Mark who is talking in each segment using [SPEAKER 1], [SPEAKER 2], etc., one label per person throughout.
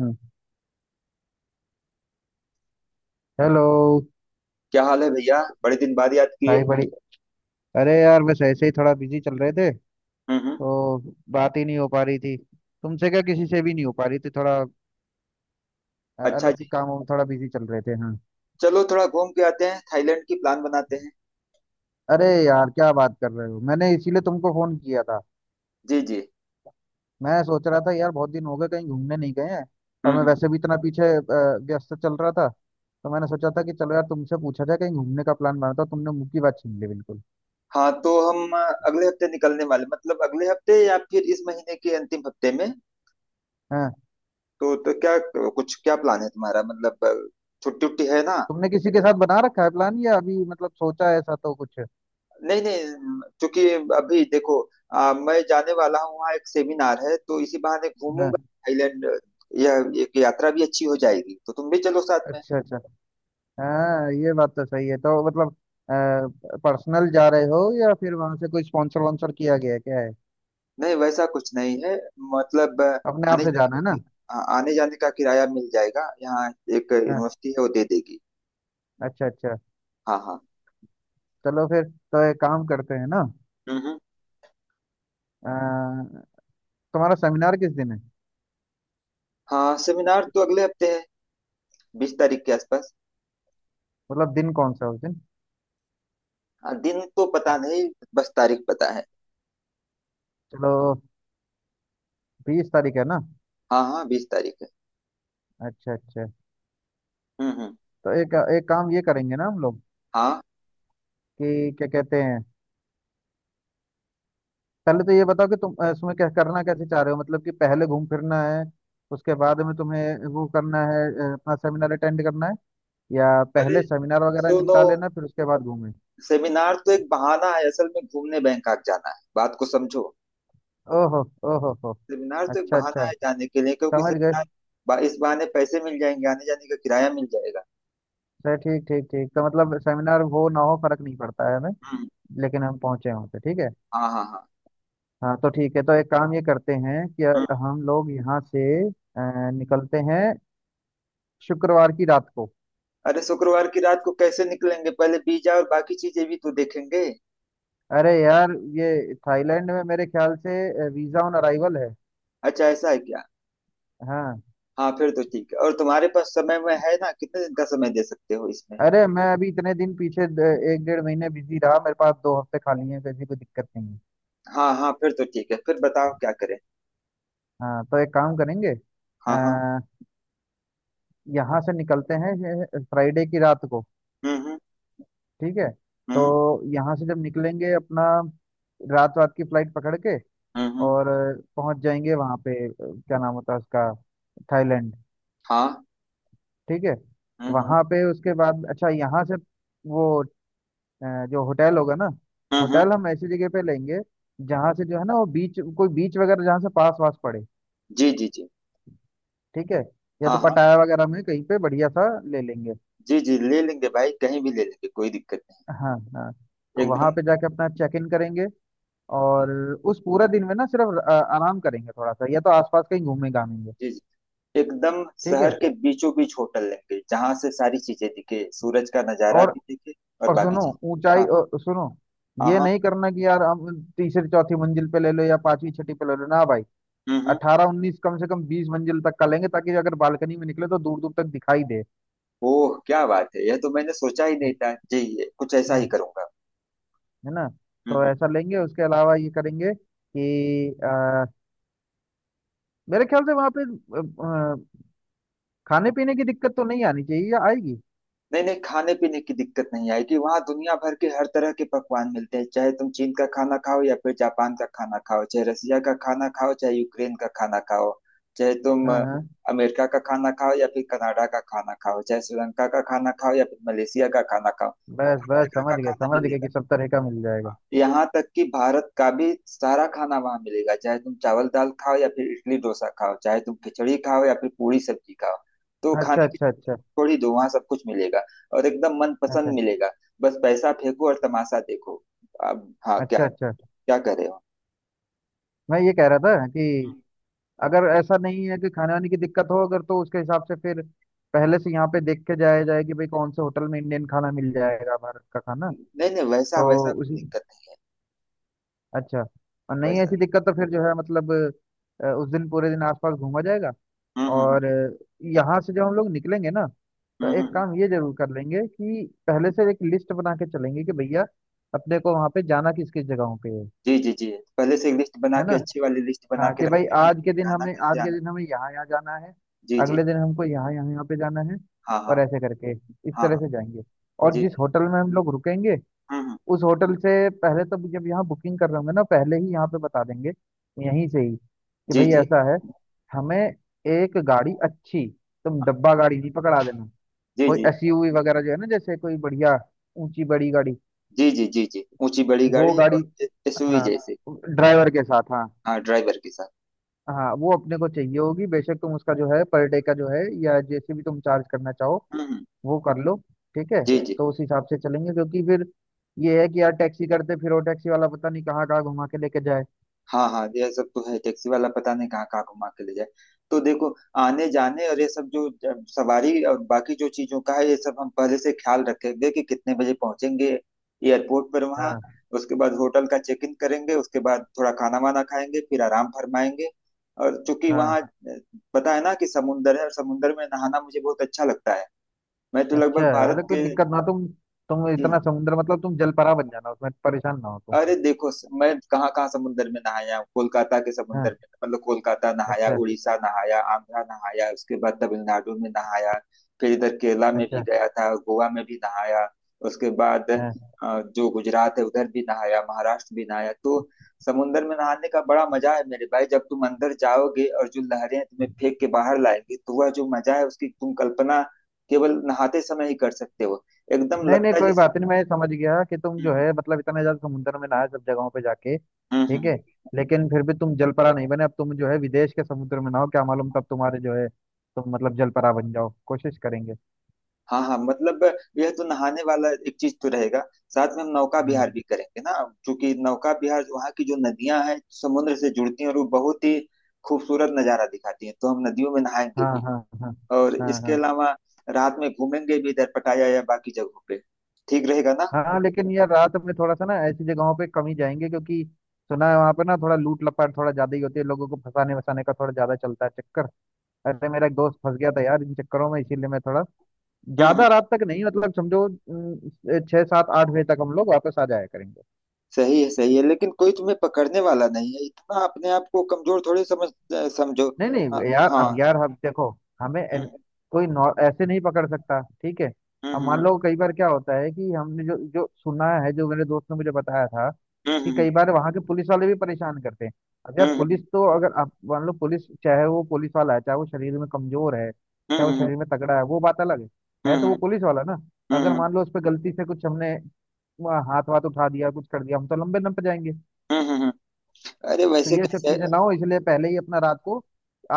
[SPEAKER 1] हम्म, hello.
[SPEAKER 2] क्या हाल है भैया बड़े दिन बाद याद किए।
[SPEAKER 1] भाई बड़ी... अरे यार, बस ऐसे ही थोड़ा बिजी चल रहे थे।
[SPEAKER 2] हम्म।
[SPEAKER 1] तो बात ही नहीं हो पा रही थी तुमसे, क्या किसी से भी नहीं हो पा रही थी, थोड़ा
[SPEAKER 2] अच्छा
[SPEAKER 1] अलग
[SPEAKER 2] जी।
[SPEAKER 1] कामों में थोड़ा बिजी चल रहे थे, हाँ।
[SPEAKER 2] चलो थोड़ा घूम के आते हैं थाईलैंड की प्लान बनाते हैं।
[SPEAKER 1] अरे यार क्या बात कर रहे हो, मैंने इसीलिए तुमको फोन किया था।
[SPEAKER 2] जी जी।
[SPEAKER 1] मैं सोच रहा था यार, बहुत दिन हो गए कहीं घूमने नहीं गए हैं, और मैं
[SPEAKER 2] हम्म।
[SPEAKER 1] वैसे भी इतना पीछे व्यस्त चल रहा था। तो मैंने सोचा था कि चलो यार तुमसे पूछा जाए, कहीं घूमने का प्लान बनाता हूँ, तुमने मुंह की बात छीन ली बिल्कुल।
[SPEAKER 2] हाँ तो हम अगले हफ्ते निकलने वाले मतलब अगले हफ्ते या फिर इस महीने के अंतिम हफ्ते में।
[SPEAKER 1] हाँ,
[SPEAKER 2] तो क्या कुछ क्या प्लान है तुम्हारा मतलब छुट्टी उट्टी है ना।
[SPEAKER 1] तुमने किसी के साथ बना रखा है प्लान, या अभी मतलब सोचा है ऐसा तो कुछ?
[SPEAKER 2] नहीं नहीं क्योंकि अभी देखो मैं जाने वाला हूँ वहाँ एक सेमिनार है तो इसी बहाने
[SPEAKER 1] हाँ।
[SPEAKER 2] घूमूंगा थाईलैंड। यह एक यात्रा भी अच्छी हो जाएगी तो तुम भी चलो साथ में।
[SPEAKER 1] अच्छा अच्छा। हाँ ये बात तो सही है, तो मतलब पर्सनल जा रहे हो, या फिर वहां से कोई स्पॉन्सर वॉन्सर किया गया है? क्या है,
[SPEAKER 2] नहीं वैसा कुछ नहीं है मतलब
[SPEAKER 1] अपने आप
[SPEAKER 2] आने
[SPEAKER 1] से
[SPEAKER 2] जाने
[SPEAKER 1] जाना
[SPEAKER 2] का
[SPEAKER 1] है ना।
[SPEAKER 2] कि- आने जाने का किराया मिल जाएगा यहाँ। एक
[SPEAKER 1] हाँ।
[SPEAKER 2] यूनिवर्सिटी है वो दे देगी।
[SPEAKER 1] अच्छा अच्छा।
[SPEAKER 2] हाँ हाँ।
[SPEAKER 1] चलो फिर तो एक काम करते हैं ना।
[SPEAKER 2] हम्म।
[SPEAKER 1] अ, तुम्हारा सेमिनार किस दिन है?
[SPEAKER 2] हाँ सेमिनार तो अगले हफ्ते है 20 तारीख के आसपास।
[SPEAKER 1] मतलब दिन कौन सा है उस दिन?
[SPEAKER 2] हाँ, दिन तो पता नहीं बस तारीख पता है।
[SPEAKER 1] चलो, 20 तारीख है ना।
[SPEAKER 2] हाँ हाँ 20 तारीख है।
[SPEAKER 1] अच्छा अच्छा।
[SPEAKER 2] हम्म हम्म।
[SPEAKER 1] तो एक एक काम ये करेंगे ना हम लोग,
[SPEAKER 2] हाँ।
[SPEAKER 1] कि क्या कहते हैं, पहले तो ये बताओ कि तुम इसमें क्या करना कैसे चाह रहे हो, मतलब कि पहले घूम फिरना है, उसके बाद में तुम्हें वो करना है, अपना सेमिनार अटेंड करना है, या
[SPEAKER 2] अरे
[SPEAKER 1] पहले सेमिनार वगैरह
[SPEAKER 2] सुनो
[SPEAKER 1] निपटा लेना फिर उसके बाद घूमें?
[SPEAKER 2] सेमिनार तो एक बहाना है असल में घूमने बैंकॉक जाना है बात को समझो।
[SPEAKER 1] ओहो। ओहो हो।
[SPEAKER 2] सेमिनार तो एक
[SPEAKER 1] अच्छा
[SPEAKER 2] बहाना
[SPEAKER 1] अच्छा,
[SPEAKER 2] है जाने के लिए क्योंकि
[SPEAKER 1] समझ गए।
[SPEAKER 2] सेमिनार इस बहाने पैसे मिल जाएंगे आने जाने का किराया मिल जाएगा।
[SPEAKER 1] सर, ठीक ठीक ठीक। तो मतलब सेमिनार हो ना हो, फर्क नहीं पड़ता है हमें।
[SPEAKER 2] हम्म।
[SPEAKER 1] लेकिन हम पहुंचे वहां पे, ठीक है।
[SPEAKER 2] हाँ हाँ हाँ।
[SPEAKER 1] हाँ तो ठीक है, तो एक काम ये करते हैं कि
[SPEAKER 2] हाँ।
[SPEAKER 1] हम लोग यहाँ से अ, निकलते हैं शुक्रवार की रात को।
[SPEAKER 2] अरे शुक्रवार की रात को कैसे निकलेंगे पहले वीजा और बाकी चीजें भी तो देखेंगे।
[SPEAKER 1] अरे यार, ये थाईलैंड में मेरे ख्याल से वीजा ऑन अराइवल है।
[SPEAKER 2] अच्छा ऐसा है क्या।
[SPEAKER 1] हाँ।
[SPEAKER 2] हाँ फिर तो ठीक है और तुम्हारे पास समय में है ना कितने दिन का समय दे सकते हो इसमें।
[SPEAKER 1] अरे मैं अभी इतने दिन पीछे एक 1.5 महीने बिजी रहा, मेरे पास 2 हफ्ते खाली हैं, किसी कोई दिक्कत नहीं है।
[SPEAKER 2] हाँ हाँ फिर तो ठीक है फिर बताओ क्या करें।
[SPEAKER 1] हाँ, तो एक काम करेंगे। अ,
[SPEAKER 2] हाँ हाँ।
[SPEAKER 1] यहाँ से निकलते हैं फ्राइडे की रात को,
[SPEAKER 2] हम्म हम्म
[SPEAKER 1] ठीक है। तो
[SPEAKER 2] हम्म
[SPEAKER 1] यहाँ से जब निकलेंगे अपना रात रात की फ्लाइट पकड़ के,
[SPEAKER 2] हम्म।
[SPEAKER 1] और पहुंच जाएंगे वहाँ पे, क्या नाम होता है उसका, थाईलैंड,
[SPEAKER 2] हाँ।
[SPEAKER 1] ठीक है।
[SPEAKER 2] हम्म।
[SPEAKER 1] वहाँ पे उसके बाद अच्छा, यहाँ से वो जो होटल होगा ना,
[SPEAKER 2] हम्म हम्म,
[SPEAKER 1] होटल हम ऐसी जगह पे लेंगे जहाँ से जो है ना वो बीच, कोई बीच वगैरह जहाँ से पास वास पड़े,
[SPEAKER 2] जी जी जी।
[SPEAKER 1] ठीक है। या
[SPEAKER 2] हाँ
[SPEAKER 1] तो
[SPEAKER 2] हाँ।
[SPEAKER 1] पटाया वगैरह में कहीं पे बढ़िया सा ले लेंगे।
[SPEAKER 2] जी जी ले लेंगे भाई कहीं भी ले लेंगे कोई दिक्कत नहीं।
[SPEAKER 1] हाँ हाँ। तो
[SPEAKER 2] एकदम।
[SPEAKER 1] वहां पे जाके अपना चेक इन करेंगे,
[SPEAKER 2] हाँ,
[SPEAKER 1] और उस पूरा दिन में ना सिर्फ आराम करेंगे थोड़ा सा, या तो आसपास कहीं घूमने घामेंगे,
[SPEAKER 2] जी जी। एकदम
[SPEAKER 1] ठीक है।
[SPEAKER 2] शहर के बीचों बीच होटल लेंगे जहाँ से सारी चीजें दिखे सूरज का नजारा
[SPEAKER 1] और...
[SPEAKER 2] भी दिखे और
[SPEAKER 1] और
[SPEAKER 2] बाकी
[SPEAKER 1] सुनो,
[SPEAKER 2] चीजें।
[SPEAKER 1] ऊंचाई...
[SPEAKER 2] हाँ
[SPEAKER 1] और सुनो,
[SPEAKER 2] हाँ
[SPEAKER 1] ये
[SPEAKER 2] हाँ।
[SPEAKER 1] नहीं करना कि यार हम तीसरी चौथी मंजिल पे ले लो, या पांचवी छठी पे ले लो ना भाई।
[SPEAKER 2] हम्म।
[SPEAKER 1] 18, 19, कम से कम 20 मंजिल तक का लेंगे, ताकि अगर बालकनी में निकले तो दूर दूर तक दिखाई दे।
[SPEAKER 2] ओह क्या बात है, यह तो मैंने सोचा ही नहीं
[SPEAKER 1] हम्म।
[SPEAKER 2] था जी। ये कुछ ऐसा ही
[SPEAKER 1] हम्म।
[SPEAKER 2] करूंगा।
[SPEAKER 1] है ना।
[SPEAKER 2] हम्म,
[SPEAKER 1] तो
[SPEAKER 2] हम्म।
[SPEAKER 1] ऐसा लेंगे, उसके अलावा ये करेंगे कि मेरे ख्याल से वहां पे अ, खाने पीने की दिक्कत तो नहीं आनी चाहिए, या आएगी?
[SPEAKER 2] नहीं नहीं खाने पीने की दिक्कत नहीं आएगी, वहाँ दुनिया भर के हर तरह के पकवान मिलते हैं। चाहे तुम चीन का खाना खाओ या फिर जापान का खाना खाओ, चाहे रसिया का खाना खाओ, चाहे यूक्रेन का खाना खाओ, चाहे तुम
[SPEAKER 1] हाँ हाँ।
[SPEAKER 2] अमेरिका का खाना खाओ या फिर कनाडा का खाना खाओ, चाहे श्रीलंका का खाना खाओ या फिर मलेशिया का खाना खाओ।
[SPEAKER 1] बस
[SPEAKER 2] हर
[SPEAKER 1] बस,
[SPEAKER 2] जगह
[SPEAKER 1] समझ
[SPEAKER 2] का
[SPEAKER 1] गया
[SPEAKER 2] खाना
[SPEAKER 1] समझ गया,
[SPEAKER 2] मिलेगा।
[SPEAKER 1] कि सब तरह का मिल जाएगा।
[SPEAKER 2] यहाँ तक कि भारत का भी सारा खाना वहां मिलेगा, चाहे तुम चावल दाल खाओ या फिर इडली डोसा खाओ, चाहे तुम खिचड़ी खाओ या फिर पूरी सब्जी खाओ। तो
[SPEAKER 1] अच्छा
[SPEAKER 2] खाने की
[SPEAKER 1] अच्छा अच्छा।
[SPEAKER 2] थोड़ी दो, वहां सब कुछ मिलेगा और एकदम
[SPEAKER 1] अच्छा
[SPEAKER 2] मनपसंद मिलेगा। बस पैसा फेंको और तमाशा देखो। अब हाँ क्या,
[SPEAKER 1] अच्छा अच्छा।
[SPEAKER 2] क्या कर रहे हो।
[SPEAKER 1] मैं ये कह रहा था कि अगर ऐसा नहीं है कि खाने वाने की दिक्कत हो, अगर तो उसके हिसाब से फिर पहले से यहाँ पे देख के जाया जाए कि भाई कौन से होटल में इंडियन खाना मिल जाएगा, भारत का खाना।
[SPEAKER 2] नहीं नहीं वैसा
[SPEAKER 1] तो
[SPEAKER 2] वैसा कोई
[SPEAKER 1] उसी...
[SPEAKER 2] दिक्कत
[SPEAKER 1] अच्छा। और
[SPEAKER 2] नहीं
[SPEAKER 1] नहीं
[SPEAKER 2] वैसा।
[SPEAKER 1] ऐसी दिक्कत तो फिर जो है मतलब उस दिन पूरे दिन आसपास घूमा जाएगा।
[SPEAKER 2] हम्म हम्म
[SPEAKER 1] और यहाँ से जब हम लोग निकलेंगे ना, तो एक
[SPEAKER 2] हम्म।
[SPEAKER 1] काम ये जरूर कर लेंगे कि पहले से एक लिस्ट बना के चलेंगे कि भैया अपने को वहां पे जाना किस किस जगहों पे है।
[SPEAKER 2] जी जी जी। पहले से एक लिस्ट बना
[SPEAKER 1] है ना।
[SPEAKER 2] के, अच्छी वाली लिस्ट बना
[SPEAKER 1] हाँ
[SPEAKER 2] के
[SPEAKER 1] कि भाई,
[SPEAKER 2] रखेंगे
[SPEAKER 1] आज
[SPEAKER 2] कि
[SPEAKER 1] के दिन
[SPEAKER 2] जाना
[SPEAKER 1] हमें, आज
[SPEAKER 2] कैसे
[SPEAKER 1] के
[SPEAKER 2] आना।
[SPEAKER 1] दिन हमें यहाँ यहाँ जाना है,
[SPEAKER 2] जी जी।
[SPEAKER 1] अगले दिन हमको यहाँ यहाँ यहाँ पे जाना है,
[SPEAKER 2] हाँ हाँ
[SPEAKER 1] और ऐसे करके इस
[SPEAKER 2] हाँ
[SPEAKER 1] तरह
[SPEAKER 2] हाँ।
[SPEAKER 1] से जाएंगे। और
[SPEAKER 2] जी
[SPEAKER 1] जिस
[SPEAKER 2] जी।
[SPEAKER 1] होटल में हम लोग रुकेंगे,
[SPEAKER 2] हम्म।
[SPEAKER 1] उस होटल से पहले तो जब यहाँ बुकिंग कर रहे होंगे ना, पहले ही यहाँ पे बता देंगे, यहीं से ही कि
[SPEAKER 2] जी
[SPEAKER 1] भाई
[SPEAKER 2] जी।
[SPEAKER 1] ऐसा है, हमें एक गाड़ी अच्छी, तुम
[SPEAKER 2] हाँ।
[SPEAKER 1] डब्बा गाड़ी नहीं पकड़ा देना,
[SPEAKER 2] जी
[SPEAKER 1] कोई
[SPEAKER 2] जी
[SPEAKER 1] एसयूवी वगैरह जो है ना, जैसे कोई बढ़िया ऊंची बड़ी गाड़ी,
[SPEAKER 2] जी जी जी जी, ऊंची बड़ी
[SPEAKER 1] वो
[SPEAKER 2] गाड़ी
[SPEAKER 1] गाड़ी,
[SPEAKER 2] और एसयूवी
[SPEAKER 1] हाँ
[SPEAKER 2] जैसे।
[SPEAKER 1] ड्राइवर के साथ, हाँ।
[SPEAKER 2] हाँ ड्राइवर के साथ।
[SPEAKER 1] हाँ वो अपने को चाहिए होगी, बेशक तुम उसका जो है पर डे का जो है, या जैसे भी तुम चार्ज करना चाहो
[SPEAKER 2] हम्म हम्म,
[SPEAKER 1] वो कर लो, ठीक है।
[SPEAKER 2] जी जी।
[SPEAKER 1] तो उस हिसाब से चलेंगे, क्योंकि फिर ये है कि यार टैक्सी करते, फिर वो टैक्सी वाला पता नहीं कहाँ कहाँ घुमा के लेके जाए।
[SPEAKER 2] हाँ हाँ यह सब तो है, टैक्सी वाला पता नहीं कहाँ कहाँ घुमा के ले जाए। तो देखो आने जाने और ये सब जो सवारी और बाकी जो चीजों का है, ये सब हम पहले से ख्याल रखेंगे कि कितने बजे पहुंचेंगे एयरपोर्ट पर वहाँ।
[SPEAKER 1] हाँ
[SPEAKER 2] उसके बाद होटल का चेक इन करेंगे, उसके बाद थोड़ा खाना वाना खाएंगे फिर आराम फरमाएंगे। और चूंकि
[SPEAKER 1] हाँ।
[SPEAKER 2] वहाँ पता है ना कि समुंदर है, और समुंदर में नहाना मुझे बहुत अच्छा लगता है। मैं तो
[SPEAKER 1] अच्छा,
[SPEAKER 2] लगभग भारत
[SPEAKER 1] मतलब कोई
[SPEAKER 2] के।
[SPEAKER 1] दिक्कत ना तुम
[SPEAKER 2] हम्म,
[SPEAKER 1] इतना समुद्र, मतलब तुम जलपरा बन जाना, उसमें परेशान ना हो तुम।
[SPEAKER 2] अरे देखो मैं कहाँ कहाँ समुंदर में नहाया हूँ। कोलकाता के समुंदर
[SPEAKER 1] हाँ।
[SPEAKER 2] में, मतलब कोलकाता नहाया,
[SPEAKER 1] अच्छा।
[SPEAKER 2] उड़ीसा नहाया, आंध्रा नहाया, उसके बाद तमिलनाडु में नहाया, फिर इधर केरला में भी
[SPEAKER 1] अच्छा।
[SPEAKER 2] गया था, गोवा में भी नहाया, उसके बाद
[SPEAKER 1] हाँ।
[SPEAKER 2] जो गुजरात है उधर भी नहाया, महाराष्ट्र भी नहाया। तो समुंदर में नहाने का बड़ा मजा है मेरे भाई। जब तुम अंदर जाओगे और जो लहरें तुम्हें फेंक के बाहर लाएंगी, तो वह जो मजा है उसकी तुम कल्पना केवल नहाते समय ही कर सकते हो। एकदम
[SPEAKER 1] नहीं नहीं,
[SPEAKER 2] लगता है
[SPEAKER 1] कोई
[SPEAKER 2] जैसे।
[SPEAKER 1] बात नहीं, मैं समझ गया कि तुम जो
[SPEAKER 2] हम्म
[SPEAKER 1] है मतलब इतना ज्यादा समुद्र में नहाए सब जगहों पे जाके,
[SPEAKER 2] हम्म हम्म,
[SPEAKER 1] ठीक है।
[SPEAKER 2] हम्म।
[SPEAKER 1] लेकिन फिर भी तुम जलपरा नहीं बने, अब तुम जो है विदेश के समुद्र में नहाओ, क्या मालूम तब तुम्हारे जो है तुम मतलब जलपरा बन जाओ, कोशिश करेंगे।
[SPEAKER 2] हाँ हाँ, मतलब यह तो नहाने वाला एक चीज तो रहेगा। साथ में हम नौका
[SPEAKER 1] हाँ
[SPEAKER 2] विहार भी करेंगे ना, क्योंकि नौका विहार वहाँ की जो नदियां हैं समुद्र से जुड़ती हैं और वो बहुत ही खूबसूरत नजारा दिखाती हैं। तो हम नदियों में नहाएंगे
[SPEAKER 1] हाँ
[SPEAKER 2] भी
[SPEAKER 1] हाँ। हाँ
[SPEAKER 2] और
[SPEAKER 1] हाँ
[SPEAKER 2] इसके
[SPEAKER 1] हाँ
[SPEAKER 2] अलावा रात में घूमेंगे भी इधर पटाया या बाकी जगहों पे। ठीक रहेगा ना।
[SPEAKER 1] हाँ। लेकिन यार रात में थोड़ा सा ना ऐसी जगहों पे कम ही जाएंगे, क्योंकि सुना है वहां पे ना थोड़ा लूट लपाट थोड़ा ज्यादा ही होती है, लोगों को फंसाने वसाने का थोड़ा ज्यादा चलता है चक्कर। ऐसे मेरा एक दोस्त फंस गया था यार इन चक्करों में, इसीलिए मैं थोड़ा
[SPEAKER 2] हम्म।
[SPEAKER 1] ज्यादा रात तक नहीं, मतलब समझो, 6, 7, 8 बजे तक हम लोग वापस आ जाया करेंगे।
[SPEAKER 2] सही है सही है, लेकिन कोई तुम्हें पकड़ने वाला नहीं है इतना। अपने आप को कमजोर थोड़ी समझ, समझो।
[SPEAKER 1] नहीं
[SPEAKER 2] हाँ
[SPEAKER 1] नहीं यार, अब
[SPEAKER 2] हाँ।
[SPEAKER 1] यार हम देखो, हमें
[SPEAKER 2] हम्म
[SPEAKER 1] कोई ऐसे नहीं पकड़ सकता, ठीक है। अब मान
[SPEAKER 2] हम्म
[SPEAKER 1] लो कई बार क्या होता है कि हमने जो जो सुना है, जो मेरे दोस्त ने मुझे बताया था, कि
[SPEAKER 2] हम्म
[SPEAKER 1] कई बार वहां के पुलिस वाले भी परेशान करते हैं। अब यार
[SPEAKER 2] हम्म हम्म
[SPEAKER 1] पुलिस तो, अगर आप मान लो, पुलिस चाहे वो पुलिस वाला है, चाहे वो शरीर में कमजोर है,
[SPEAKER 2] हम्म
[SPEAKER 1] चाहे वो
[SPEAKER 2] हम्म
[SPEAKER 1] शरीर में तगड़ा है, वो बात अलग है।
[SPEAKER 2] हम्म
[SPEAKER 1] है तो वो
[SPEAKER 2] हम्म
[SPEAKER 1] पुलिस वाला ना। अगर
[SPEAKER 2] हम्म
[SPEAKER 1] मान लो उस पर गलती से कुछ हमने वहाँ हाथ वाथ उठा दिया, कुछ कर दिया, हम तो लंबे दम पे जाएंगे।
[SPEAKER 2] हम्म। अरे
[SPEAKER 1] तो
[SPEAKER 2] वैसे
[SPEAKER 1] ये सब
[SPEAKER 2] कैसे।
[SPEAKER 1] चीजें ना हो, इसलिए पहले ही अपना रात को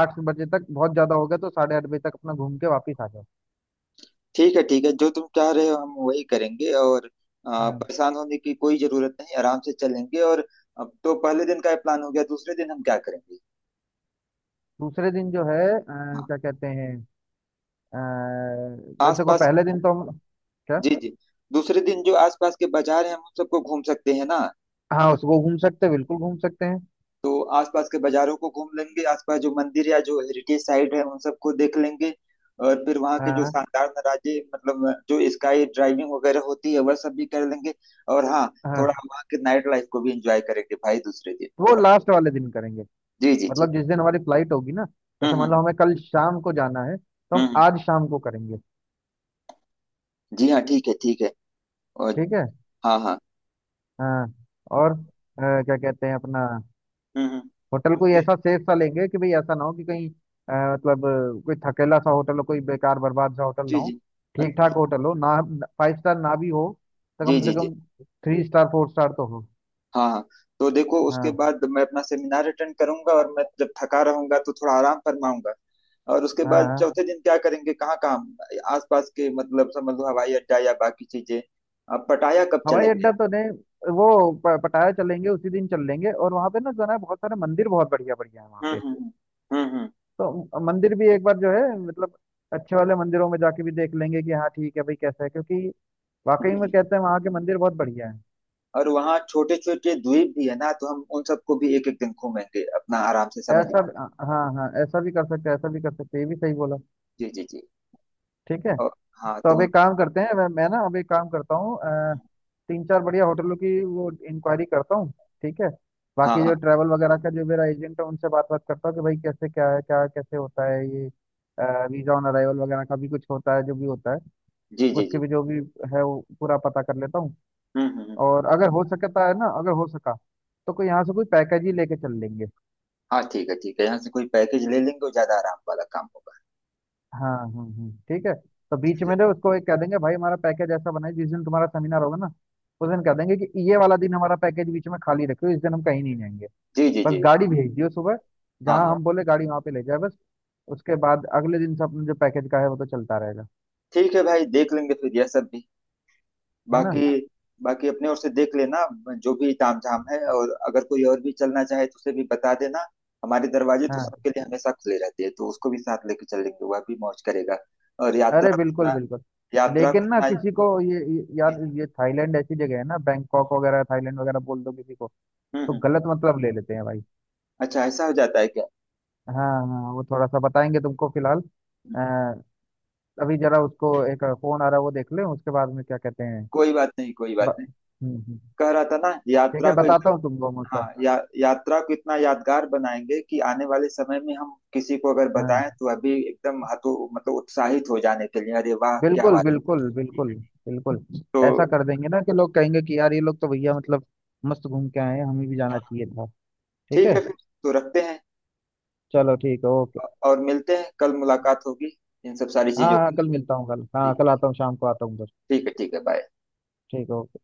[SPEAKER 1] 8 बजे तक, बहुत ज्यादा हो गया तो 8:30 बजे तक अपना घूम के वापिस आ जाओ।
[SPEAKER 2] ठीक है ठीक है, जो तुम चाह रहे हो हम वही करेंगे। और
[SPEAKER 1] हाँ।
[SPEAKER 2] परेशान होने की कोई जरूरत नहीं, आराम से चलेंगे। और अब तो पहले दिन का प्लान हो गया, दूसरे दिन हम क्या करेंगे।
[SPEAKER 1] दूसरे दिन जो है
[SPEAKER 2] हाँ
[SPEAKER 1] क्या कहते हैं, तो देखो
[SPEAKER 2] आसपास।
[SPEAKER 1] पहले दिन तो हम... क्या?
[SPEAKER 2] जी जी। दूसरे दिन जो आसपास के बाजार हैं हम उन सबको घूम सकते हैं ना।
[SPEAKER 1] हाँ उसको घूम सकते हैं, बिल्कुल घूम सकते हैं।
[SPEAKER 2] तो आसपास के बाजारों को घूम लेंगे, आसपास जो मंदिर या जो हेरिटेज साइट है उन सबको देख लेंगे। और फिर वहाँ के जो
[SPEAKER 1] हाँ
[SPEAKER 2] शानदार नज़ारे, मतलब जो स्काई ड्राइविंग वगैरह होती है वह सब भी कर लेंगे। और हाँ, थोड़ा
[SPEAKER 1] हाँ,
[SPEAKER 2] वहाँ के नाइट लाइफ को भी एंजॉय करेंगे भाई, दूसरे दिन
[SPEAKER 1] वो
[SPEAKER 2] थोड़ा।
[SPEAKER 1] लास्ट वाले दिन करेंगे,
[SPEAKER 2] जी जी जी।
[SPEAKER 1] मतलब जिस दिन हमारी फ्लाइट होगी ना, जैसे
[SPEAKER 2] हम्म
[SPEAKER 1] मान लो
[SPEAKER 2] हम्म
[SPEAKER 1] हमें कल शाम को जाना है तो हम
[SPEAKER 2] हम्म।
[SPEAKER 1] आज शाम को करेंगे,
[SPEAKER 2] जी हाँ, ठीक है ठीक है। और।
[SPEAKER 1] ठीक है।
[SPEAKER 2] हाँ हाँ।
[SPEAKER 1] हाँ। और क्या कहते हैं अपना
[SPEAKER 2] हम्म।
[SPEAKER 1] होटल
[SPEAKER 2] और
[SPEAKER 1] कोई
[SPEAKER 2] फिर-
[SPEAKER 1] ऐसा सेफ सा लेंगे, कि भाई ऐसा ना हो कि कहीं मतलब कोई थकेला सा होटल हो, कोई बेकार बर्बाद सा होटल ना
[SPEAKER 2] जी
[SPEAKER 1] हो।
[SPEAKER 2] जी। अ-
[SPEAKER 1] ठीक ठाक होटल हो ना, 5 स्टार ना भी हो, तो
[SPEAKER 2] जी
[SPEAKER 1] कम
[SPEAKER 2] जी
[SPEAKER 1] से
[SPEAKER 2] जी।
[SPEAKER 1] कम 3 स्टार 4 स्टार तो हो।
[SPEAKER 2] हाँ हाँ। तो देखो उसके
[SPEAKER 1] हाँ
[SPEAKER 2] बाद मैं अपना सेमिनार अटेंड करूंगा, और मैं जब थका रहूंगा तो थोड़ा आराम फरमाऊंगा। और उसके
[SPEAKER 1] हाँ
[SPEAKER 2] बाद
[SPEAKER 1] हाँ।
[SPEAKER 2] चौथे दिन क्या करेंगे, कहाँ कहाँ आसपास के, मतलब समझ लो हवाई अड्डा या बाकी चीजें। अब पटाया कब
[SPEAKER 1] हवाई
[SPEAKER 2] चलेंगे।
[SPEAKER 1] अड्डा तो नहीं, वो पटाया चलेंगे उसी दिन चल लेंगे, और वहां पे ना जो है ना बहुत सारे मंदिर, बहुत बढ़िया बढ़िया है वहाँ
[SPEAKER 2] हम्म
[SPEAKER 1] पे।
[SPEAKER 2] हम्म हम्म।
[SPEAKER 1] तो मंदिर भी एक बार जो है मतलब अच्छे वाले मंदिरों में जाके भी देख लेंगे कि हाँ ठीक है भाई कैसा है, क्योंकि वाकई
[SPEAKER 2] जी,
[SPEAKER 1] में
[SPEAKER 2] जी।
[SPEAKER 1] कहते हैं वहाँ के मंदिर बहुत बढ़िया है।
[SPEAKER 2] और वहाँ छोटे छोटे द्वीप भी है ना, तो हम उन सबको भी एक एक दिन घूमेंगे अपना आराम से समय
[SPEAKER 1] ऐसा
[SPEAKER 2] निकाल।
[SPEAKER 1] भी... हाँ हाँ हाँ, ऐसा भी कर सकते हैं, ऐसा भी कर सकते हैं, ये भी सही बोला।
[SPEAKER 2] जी जी जी।
[SPEAKER 1] ठीक है।
[SPEAKER 2] और हाँ
[SPEAKER 1] तो
[SPEAKER 2] तो।
[SPEAKER 1] अब एक काम करते हैं, मैं ना अब एक काम करता हूँ, अ, तीन चार बढ़िया होटलों की वो इंक्वायरी करता हूँ, ठीक है।
[SPEAKER 2] हाँ
[SPEAKER 1] बाकी जो
[SPEAKER 2] हाँ।
[SPEAKER 1] ट्रैवल वगैरह का जो मेरा एजेंट है उनसे बात बात करता हूँ कि भाई कैसे क्या है, क्या कैसे होता है, ये वीजा ऑन अराइवल वगैरह का भी कुछ होता है, जो भी होता है
[SPEAKER 2] जी जी
[SPEAKER 1] उसके
[SPEAKER 2] जी।
[SPEAKER 1] भी जो भी है वो पूरा पता कर लेता हूँ।
[SPEAKER 2] हम्म हम्म हम्म।
[SPEAKER 1] और अगर हो सकता है ना, अगर हो सका तो कोई यहाँ से कोई पैकेज ही लेके चल लेंगे।
[SPEAKER 2] हाँ ठीक है ठीक है, यहाँ से कोई पैकेज ले लेंगे, वो ज्यादा आराम वाला काम होगा।
[SPEAKER 1] हाँ ठीक है। तो बीच
[SPEAKER 2] ठीक है।
[SPEAKER 1] में ना उसको एक कह देंगे भाई हमारा पैकेज ऐसा बनाए, जिस दिन तुम्हारा सेमिनार होगा ना, उस दिन कह देंगे कि ये वाला दिन हमारा पैकेज बीच में खाली रखो, इस दिन हम कहीं नहीं जाएंगे,
[SPEAKER 2] जी जी जी।
[SPEAKER 1] बस गाड़ी भेज दियो सुबह
[SPEAKER 2] हाँ
[SPEAKER 1] जहाँ
[SPEAKER 2] हाँ
[SPEAKER 1] हम बोले गाड़ी वहाँ पे ले जाए बस। उसके बाद अगले दिन से अपने जो पैकेज का है वो तो चलता रहेगा,
[SPEAKER 2] ठीक है भाई, देख लेंगे फिर यह सब भी।
[SPEAKER 1] है ना।
[SPEAKER 2] बाकी, बाकी अपने ओर से देख लेना जो भी तामझाम है, और अगर कोई और भी चलना चाहे तो उसे भी बता देना। हमारे दरवाजे तो
[SPEAKER 1] हाँ
[SPEAKER 2] सबके लिए हमेशा खुले रहते हैं, तो उसको भी साथ लेके चलेंगे, वह भी मौज करेगा। और
[SPEAKER 1] अरे
[SPEAKER 2] यात्रा को
[SPEAKER 1] बिल्कुल
[SPEAKER 2] इतना,
[SPEAKER 1] बिल्कुल।
[SPEAKER 2] यात्रा को
[SPEAKER 1] लेकिन ना
[SPEAKER 2] इतना।
[SPEAKER 1] किसी को ये यार ये थाईलैंड ऐसी जगह है ना, बैंकॉक वगैरह थाईलैंड वगैरह बोल दो किसी को, तो
[SPEAKER 2] हम्म।
[SPEAKER 1] गलत मतलब ले लेते हैं भाई।
[SPEAKER 2] अच्छा ऐसा हो जाता है क्या।
[SPEAKER 1] हाँ हाँ वो थोड़ा सा बताएंगे तुमको, फिलहाल
[SPEAKER 2] हम्म,
[SPEAKER 1] अभी जरा उसको एक फोन आ रहा है वो देख ले, उसके बाद में क्या कहते हैं।
[SPEAKER 2] कोई बात नहीं कोई बात
[SPEAKER 1] ब...
[SPEAKER 2] नहीं।
[SPEAKER 1] हम्म हम्म।
[SPEAKER 2] कह रहा था ना
[SPEAKER 1] ठीक है,
[SPEAKER 2] यात्रा को।
[SPEAKER 1] बताता हूँ तुमको मैं उसका।
[SPEAKER 2] हाँ या, यात्रा को इतना यादगार बनाएंगे कि आने वाले समय में हम किसी को अगर बताएं
[SPEAKER 1] हाँ
[SPEAKER 2] तो अभी एकदम हतो मतलब उत्साहित हो जाने के लिए अरे वाह क्या
[SPEAKER 1] बिल्कुल
[SPEAKER 2] बात
[SPEAKER 1] बिल्कुल
[SPEAKER 2] है।
[SPEAKER 1] बिल्कुल। बिल्कुल।
[SPEAKER 2] तो
[SPEAKER 1] ऐसा कर देंगे ना कि लोग कहेंगे कि यार ये लोग तो भैया मतलब मस्त घूम के आए हैं, हमें भी जाना चाहिए था। ठीक
[SPEAKER 2] ठीक
[SPEAKER 1] है।
[SPEAKER 2] है फिर, तो रखते हैं
[SPEAKER 1] चलो ठीक है, ओके।
[SPEAKER 2] और मिलते हैं, कल मुलाकात होगी इन सब सारी
[SPEAKER 1] हाँ
[SPEAKER 2] चीजों को
[SPEAKER 1] हाँ कल
[SPEAKER 2] लेकर।
[SPEAKER 1] मिलता हूँ, कल हाँ,
[SPEAKER 2] ठीक
[SPEAKER 1] कल
[SPEAKER 2] है।
[SPEAKER 1] आता हूँ, शाम को आता हूँ उधर।
[SPEAKER 2] ठीक है ठीक है बाय।
[SPEAKER 1] ठीक है, ओके।